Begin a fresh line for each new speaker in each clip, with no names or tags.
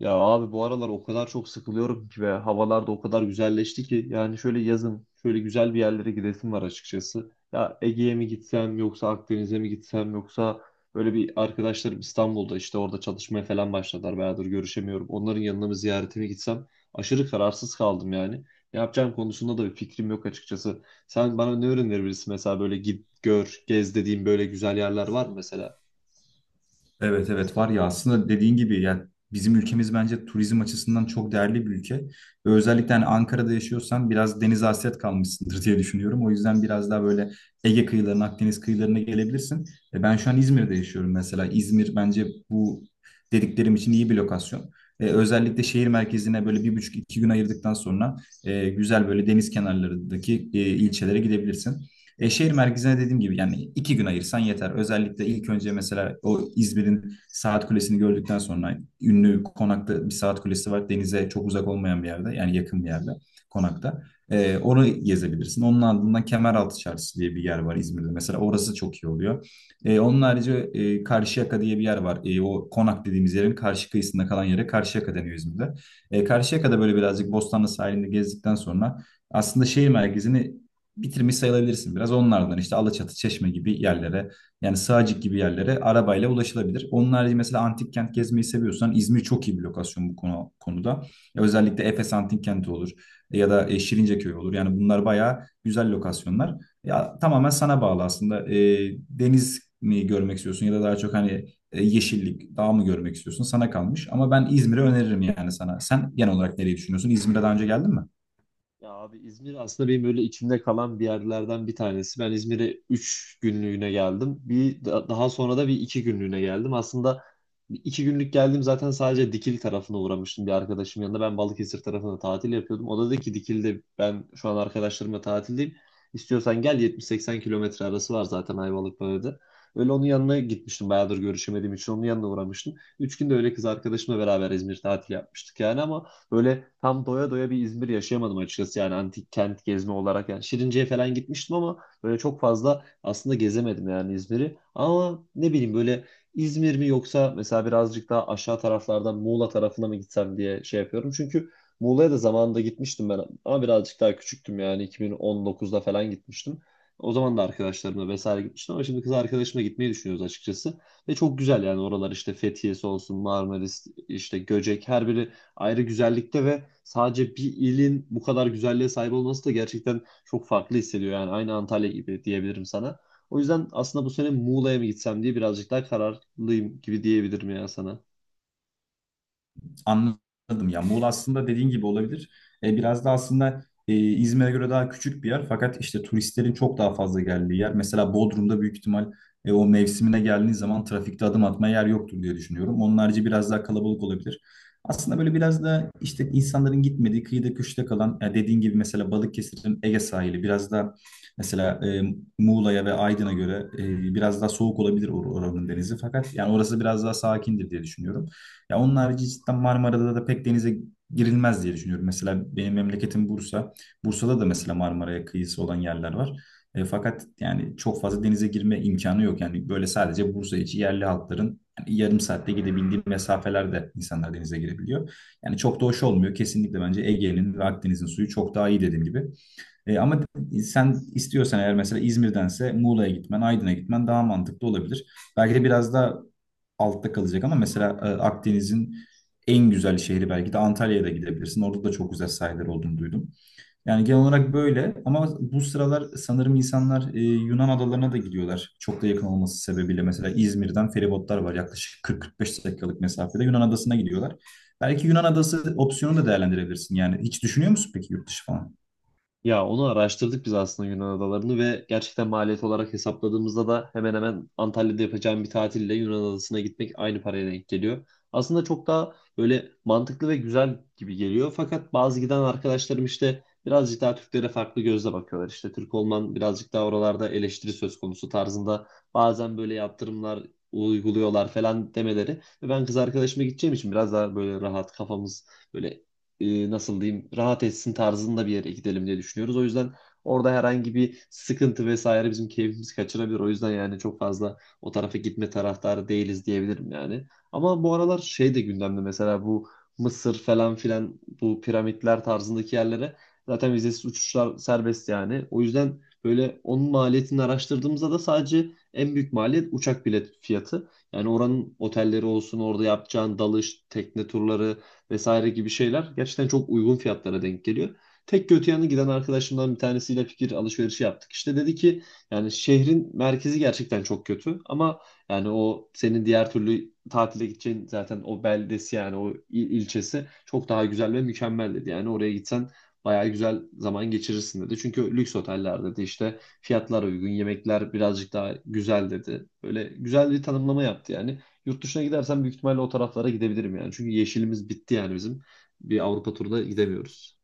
Ya abi bu aralar o kadar çok sıkılıyorum ki ve havalar da o kadar güzelleşti ki yani şöyle yazın şöyle güzel bir yerlere gidesim var açıkçası. Ya Ege'ye mi gitsem yoksa Akdeniz'e mi gitsem yoksa böyle bir arkadaşlarım İstanbul'da işte orada çalışmaya falan başladılar, bayağıdır görüşemiyorum. Onların yanına mı ziyarete mi gitsem, aşırı kararsız kaldım yani. Ne yapacağım konusunda da bir fikrim yok açıkçası. Sen bana ne önerebilirsin mesela, böyle git gör gez dediğim böyle güzel yerler var mı mesela?
Evet evet var ya aslında dediğin gibi yani bizim ülkemiz bence turizm açısından çok değerli bir ülke. Ve özellikle hani Ankara'da yaşıyorsan biraz denize hasret kalmışsındır diye düşünüyorum. O yüzden biraz daha böyle Ege kıyılarına, Akdeniz kıyılarına gelebilirsin. Ben şu an İzmir'de yaşıyorum mesela. İzmir bence bu dediklerim için iyi bir lokasyon. Özellikle şehir merkezine böyle 1,5 2 gün ayırdıktan sonra güzel böyle deniz kenarlarındaki ilçelere gidebilirsin. Şehir merkezine dediğim gibi yani 2 gün ayırsan yeter. Özellikle ilk önce mesela o İzmir'in Saat Kulesi'ni gördükten sonra ünlü konakta bir Saat Kulesi var. Denize çok uzak olmayan bir yerde yani yakın bir yerde konakta. Orayı gezebilirsin. Onun ardından Kemeraltı Çarşısı diye bir yer var İzmir'de. Mesela orası çok iyi oluyor. Onun harici Karşıyaka diye bir yer var. O konak dediğimiz yerin karşı kıyısında kalan yere Karşıyaka deniyor İzmir'de. Karşıyaka'da böyle birazcık Bostanlı sahilinde gezdikten sonra aslında şehir merkezini bitirmiş sayılabilirsin biraz. Onlardan işte Alaçatı, Çeşme gibi yerlere yani Sığacık gibi yerlere arabayla ulaşılabilir. Onun harici mesela antik kent gezmeyi seviyorsan İzmir çok iyi bir lokasyon bu konuda. Ya özellikle Efes Antik Kenti olur ya da Şirinceköy olur. Yani bunlar bayağı güzel lokasyonlar. Ya tamamen sana bağlı aslında. Deniz mi görmek istiyorsun ya da daha çok hani yeşillik, dağ mı görmek istiyorsun? Sana kalmış. Ama ben İzmir'i öneririm yani sana. Sen genel olarak nereyi düşünüyorsun? İzmir'e daha önce geldin mi?
Ya abi, İzmir aslında benim böyle içimde kalan bir yerlerden bir tanesi. Ben İzmir'e 3 günlüğüne geldim. Bir daha sonra da 1-2 günlüğüne geldim. Aslında 1-2 günlük geldim, zaten sadece Dikili tarafına uğramıştım bir arkadaşım yanında. Ben Balıkesir tarafında tatil yapıyordum. O da dedi ki Dikili'de ben şu an arkadaşlarımla tatildeyim. İstiyorsan gel, 70-80 kilometre arası var zaten Ayvalık'ta. Öyle onun yanına gitmiştim. Bayağıdır görüşemediğim için onun yanına uğramıştım. 3 günde öyle kız arkadaşımla beraber İzmir tatili yapmıştık yani ama böyle tam doya doya bir İzmir yaşayamadım açıkçası yani antik kent gezme olarak. Yani Şirince'ye falan gitmiştim ama böyle çok fazla aslında gezemedim yani İzmir'i. Ama ne bileyim, böyle İzmir mi yoksa mesela birazcık daha aşağı taraflardan Muğla tarafına mı gitsem diye şey yapıyorum. Çünkü Muğla'ya da zamanında gitmiştim ben ama birazcık daha küçüktüm, yani 2019'da falan gitmiştim. O zaman da arkadaşlarımla vesaire gitmiştim ama şimdi kız arkadaşımla gitmeyi düşünüyoruz açıkçası. Ve çok güzel yani oralar, işte Fethiye'si olsun, Marmaris, işte Göcek, her biri ayrı güzellikte ve sadece bir ilin bu kadar güzelliğe sahip olması da gerçekten çok farklı hissediyor. Yani aynı Antalya gibi diyebilirim sana. O yüzden aslında bu sene Muğla'ya mı gitsem diye birazcık daha kararlıyım gibi diyebilirim ya sana.
Anladım ya. Muğla aslında dediğin gibi olabilir. Biraz da aslında İzmir'e göre daha küçük bir yer. Fakat işte turistlerin çok daha fazla geldiği yer. Mesela Bodrum'da büyük ihtimal o mevsimine geldiğiniz zaman trafikte adım atmaya yer yoktur diye düşünüyorum. Onun harici biraz daha kalabalık olabilir. Aslında böyle biraz da işte insanların gitmediği kıyıda köşede kalan ya dediğin gibi mesela Balıkesir'in Ege sahili biraz da mesela Muğla'ya ve Aydın'a göre biraz daha soğuk olabilir oranın denizi. Fakat yani orası biraz daha sakindir diye düşünüyorum. Ya onun harici cidden Marmara'da da pek denize girilmez diye düşünüyorum. Mesela benim memleketim Bursa. Bursa'da da mesela Marmara'ya kıyısı olan yerler var. Fakat yani çok fazla denize girme imkanı yok. Yani böyle sadece Bursa içi yerli halkların yani yarım saatte gidebildiği mesafelerde insanlar denize girebiliyor. Yani çok da hoş olmuyor. Kesinlikle bence Ege'nin ve Akdeniz'in suyu çok daha iyi dediğim gibi. Ama sen istiyorsan eğer mesela İzmir'dense Muğla'ya gitmen, Aydın'a gitmen daha mantıklı olabilir. Belki de biraz da altta kalacak ama mesela Akdeniz'in en güzel şehri belki de Antalya'ya da gidebilirsin. Orada da çok güzel sahilleri olduğunu duydum. Yani genel olarak böyle ama bu sıralar sanırım insanlar Yunan adalarına da gidiyorlar. Çok da yakın olması sebebiyle mesela İzmir'den feribotlar var yaklaşık 40-45 dakikalık mesafede Yunan adasına gidiyorlar. Belki Yunan adası opsiyonu da değerlendirebilirsin. Yani hiç düşünüyor musun peki yurt dışı falan?
Ya onu araştırdık biz aslında Yunan adalarını ve gerçekten maliyet olarak hesapladığımızda da hemen hemen Antalya'da yapacağım bir tatille Yunan adasına gitmek aynı paraya denk geliyor. Aslında çok daha böyle mantıklı ve güzel gibi geliyor. Fakat bazı giden arkadaşlarım işte birazcık daha Türklere farklı gözle bakıyorlar. İşte Türk olman birazcık daha oralarda eleştiri söz konusu tarzında bazen böyle yaptırımlar uyguluyorlar falan demeleri. Ve ben kız arkadaşıma gideceğim için biraz daha böyle rahat kafamız böyle, nasıl diyeyim, rahat etsin tarzında bir yere gidelim diye düşünüyoruz. O yüzden orada herhangi bir sıkıntı vesaire bizim keyfimizi kaçırabilir. O yüzden yani çok fazla o tarafa gitme taraftarı değiliz diyebilirim yani. Ama bu aralar şey de gündemde, mesela bu Mısır falan filan, bu piramitler tarzındaki yerlere zaten vizesiz uçuşlar serbest yani. O yüzden böyle onun maliyetini araştırdığımızda da sadece en büyük maliyet uçak bilet fiyatı. Yani oranın otelleri olsun, orada yapacağın dalış, tekne turları, vesaire gibi şeyler gerçekten çok uygun fiyatlara denk geliyor. Tek kötü yanı, giden arkadaşımdan bir tanesiyle fikir alışverişi yaptık. İşte dedi ki yani şehrin merkezi gerçekten çok kötü ama yani o senin diğer türlü tatile gideceğin zaten o beldesi yani o ilçesi çok daha güzel ve mükemmel dedi. Yani oraya gitsen bayağı güzel zaman geçirirsin dedi. Çünkü lüks oteller dedi, işte fiyatlar uygun, yemekler birazcık daha güzel dedi. Böyle güzel bir tanımlama yaptı yani. Yurt dışına gidersem büyük ihtimalle o taraflara gidebilirim yani. Çünkü yeşilimiz bitti yani bizim. Bir Avrupa turuna gidemiyoruz.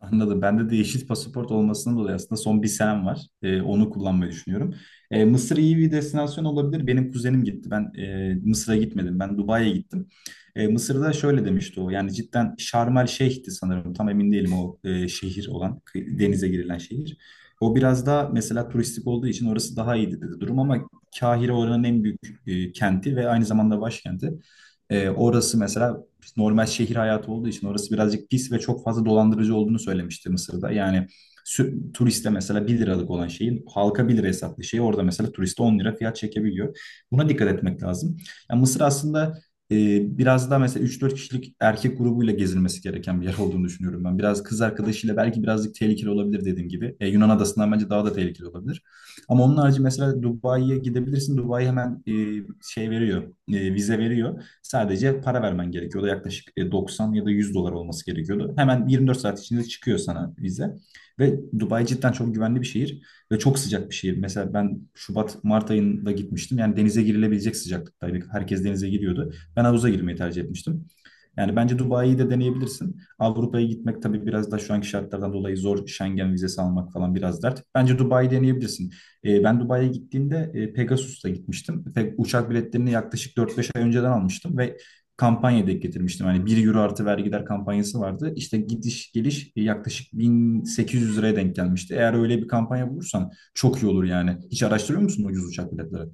Anladım. Bende de yeşil pasaport olmasından dolayı aslında son bir senem var. Onu kullanmayı düşünüyorum. Mısır iyi bir destinasyon olabilir. Benim kuzenim gitti. Ben Mısır'a gitmedim. Ben Dubai'ye gittim. Mısır'da şöyle demişti o. Yani cidden Şarm El Şeyh'ti sanırım. Tam emin değilim o şehir olan, denize girilen şehir. O biraz daha mesela turistik olduğu için orası daha iyiydi dedi durum ama Kahire oranın en büyük kenti ve aynı zamanda başkenti. Orası mesela normal şehir hayatı olduğu için orası birazcık pis ve çok fazla dolandırıcı olduğunu söylemişti Mısır'da. Yani turiste mesela 1 liralık olan şeyin halka 1 lira hesaplı şeyi orada mesela turiste 10 lira fiyat çekebiliyor. Buna dikkat etmek lazım. Yani Mısır aslında e, biraz daha mesela 3-4 kişilik erkek grubuyla gezilmesi gereken bir yer olduğunu düşünüyorum ben. Biraz kız arkadaşıyla belki birazcık tehlikeli olabilir dediğim gibi. Yunan adasından bence daha da tehlikeli olabilir. Ama onun harici mesela Dubai'ye gidebilirsin. Dubai hemen şey veriyor, vize veriyor. Sadece para vermen gerekiyordu. Yaklaşık 90 ya da 100 dolar olması gerekiyordu. Hemen 24 saat içinde çıkıyor sana vize. Ve Dubai cidden çok güvenli bir şehir ve çok sıcak bir şehir. Mesela ben Şubat, Mart ayında gitmiştim. Yani denize girilebilecek sıcaklıktaydı. Herkes denize giriyordu. Ben havuza girmeyi tercih etmiştim. Yani bence Dubai'yi de deneyebilirsin. Avrupa'ya gitmek tabii biraz da şu anki şartlardan dolayı zor. Schengen vizesi almak falan biraz dert. Bence Dubai'yi deneyebilirsin. Ben Dubai'ye gittiğimde Pegasus'ta gitmiştim. Uçak biletlerini yaklaşık 4 5 ay önceden almıştım ve kampanya denk getirmiştim. Hani 1 euro artı vergiler kampanyası vardı. İşte gidiş geliş yaklaşık 1800 liraya denk gelmişti. Eğer öyle bir kampanya bulursan çok iyi olur yani. Hiç araştırıyor musun ucuz uçak biletleri?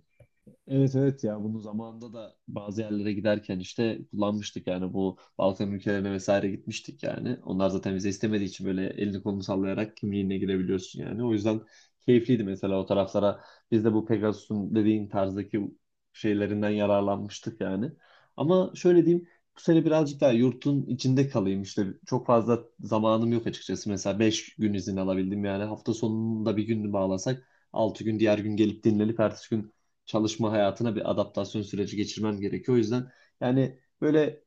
Evet evet, ya bunu zamanında da bazı yerlere giderken işte kullanmıştık yani, bu Balkan ülkelerine vesaire gitmiştik yani. Onlar zaten vize istemediği için böyle elini kolunu sallayarak kimliğine girebiliyorsun yani. O yüzden keyifliydi mesela o taraflara. Biz de bu Pegasus'un dediğin tarzdaki şeylerinden yararlanmıştık yani. Ama şöyle diyeyim, bu sene birazcık daha yurtun içinde kalayım, işte çok fazla zamanım yok açıkçası. Mesela 5 gün izin alabildim yani, hafta sonunda bir gününü bağlasak 6 gün, diğer gün gelip dinlenip ertesi gün çalışma hayatına bir adaptasyon süreci geçirmen gerekiyor. O yüzden yani böyle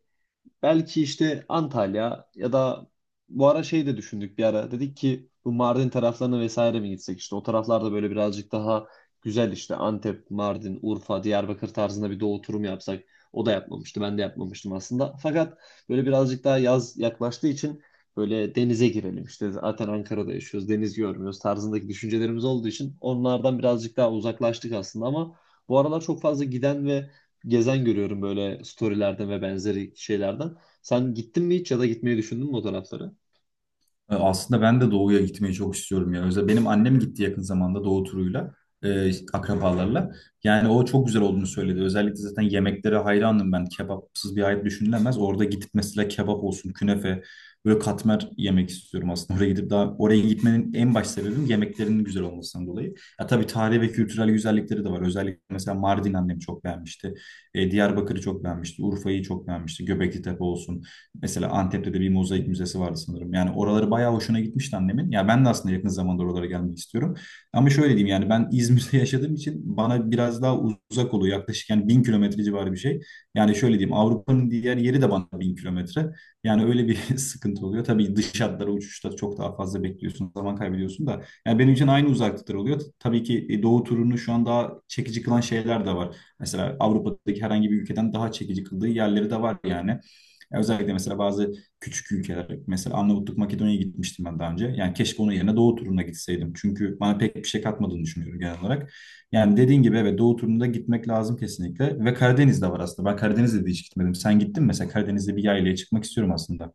belki işte Antalya ya da bu ara şey de düşündük bir ara. Dedik ki bu Mardin taraflarına vesaire mi gitsek, işte o taraflarda böyle birazcık daha güzel, işte Antep, Mardin, Urfa, Diyarbakır tarzında bir doğu turu mu yapsak. O da yapmamıştı. Ben de yapmamıştım aslında. Fakat böyle birazcık daha yaz yaklaştığı için böyle denize girelim işte, zaten Ankara'da yaşıyoruz, deniz görmüyoruz tarzındaki düşüncelerimiz olduğu için onlardan birazcık daha uzaklaştık aslında. Ama bu aralar çok fazla giden ve gezen görüyorum böyle storylerde ve benzeri şeylerden. Sen gittin mi hiç ya da gitmeyi düşündün mü o taraflara?
Aslında ben de Doğu'ya gitmeyi çok istiyorum ya. Özellikle benim annem gitti yakın zamanda Doğu turuyla, akrabalarla. Yani o çok güzel olduğunu söyledi. Özellikle zaten yemeklere hayranım ben. Kebapsız bir hayat düşünülemez. Orada gidip mesela kebap olsun, künefe, böyle katmer yemek istiyorum aslında. Oraya gidip daha oraya gitmenin en baş sebebim yemeklerinin güzel olmasından dolayı. Ya tabii tarihi ve kültürel güzellikleri de var. Özellikle mesela Mardin annem çok beğenmişti. Diyarbakır'ı çok beğenmişti. Urfa'yı çok beğenmişti. Göbekli Tepe olsun. Mesela Antep'te de bir mozaik müzesi vardı sanırım. Yani oraları bayağı hoşuna gitmişti annemin. Ya ben de aslında yakın zamanda oralara gelmek istiyorum. Ama şöyle diyeyim yani ben İzmir'de yaşadığım için bana biraz daha uzak oluyor. Yaklaşık yani 1.000 kilometre civarı bir şey. Yani şöyle diyeyim Avrupa'nın diğer yeri de bana 1.000 kilometre. Yani öyle bir sıkıntı oluyor. Tabii dış hatlara uçuşta çok daha fazla bekliyorsun, zaman kaybediyorsun da. Yani benim için aynı uzaklıklar oluyor. Tabii ki doğu turunu şu an daha çekici kılan şeyler de var. Mesela Avrupa'daki herhangi bir ülkeden daha çekici kıldığı yerleri de var yani. Ya özellikle mesela bazı küçük ülkeler, mesela Arnavutluk, Makedonya'ya gitmiştim ben daha önce. Yani keşke onun yerine Doğu turuna gitseydim. Çünkü bana pek bir şey katmadığını düşünüyorum genel olarak. Yani dediğin gibi evet Doğu turuna gitmek lazım kesinlikle. Ve Karadeniz'de var aslında. Ben Karadeniz'de de hiç gitmedim. Sen gittin mi? Mesela Karadeniz'de bir yaylaya çıkmak istiyorum aslında.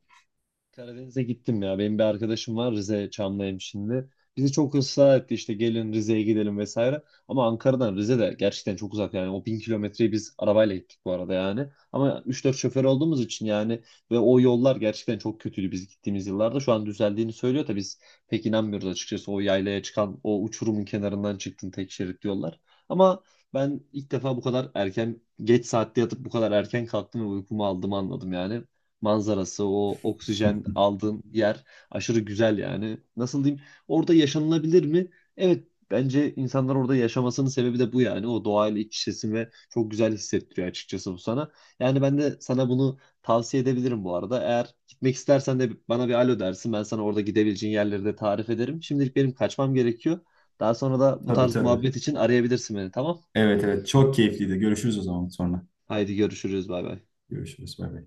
Karadeniz'e gittim ya. Benim bir arkadaşım var Rize Çamlıhemşinli. Bizi çok ısrar etti, işte gelin Rize'ye gidelim vesaire. Ama Ankara'dan Rize de gerçekten çok uzak yani. O 1000 kilometreyi biz arabayla gittik bu arada yani. Ama 3-4 şoför olduğumuz için yani, ve o yollar gerçekten çok kötüydü biz gittiğimiz yıllarda. Şu an düzeldiğini söylüyor da biz pek inanmıyoruz açıkçası. O yaylaya çıkan o uçurumun kenarından çıktın, tek şerit yollar. Ama ben ilk defa bu kadar erken, geç saatte yatıp bu kadar erken kalktım ve uykumu aldığımı anladım yani. Manzarası, o oksijen aldığın yer aşırı güzel yani. Nasıl diyeyim? Orada yaşanılabilir mi? Evet, bence insanlar orada yaşamasının sebebi de bu yani. O doğayla iç içesin ve çok güzel hissettiriyor açıkçası bu sana. Yani ben de sana bunu tavsiye edebilirim bu arada. Eğer gitmek istersen de bana bir alo dersin. Ben sana orada gidebileceğin yerleri de tarif ederim. Şimdilik benim kaçmam gerekiyor. Daha sonra da bu
Tabii
tarz
tabii.
muhabbet için arayabilirsin beni, tamam?
Evet evet çok keyifliydi. Görüşürüz o zaman sonra.
Haydi görüşürüz, bay bay.
Görüşürüz. Bay bay.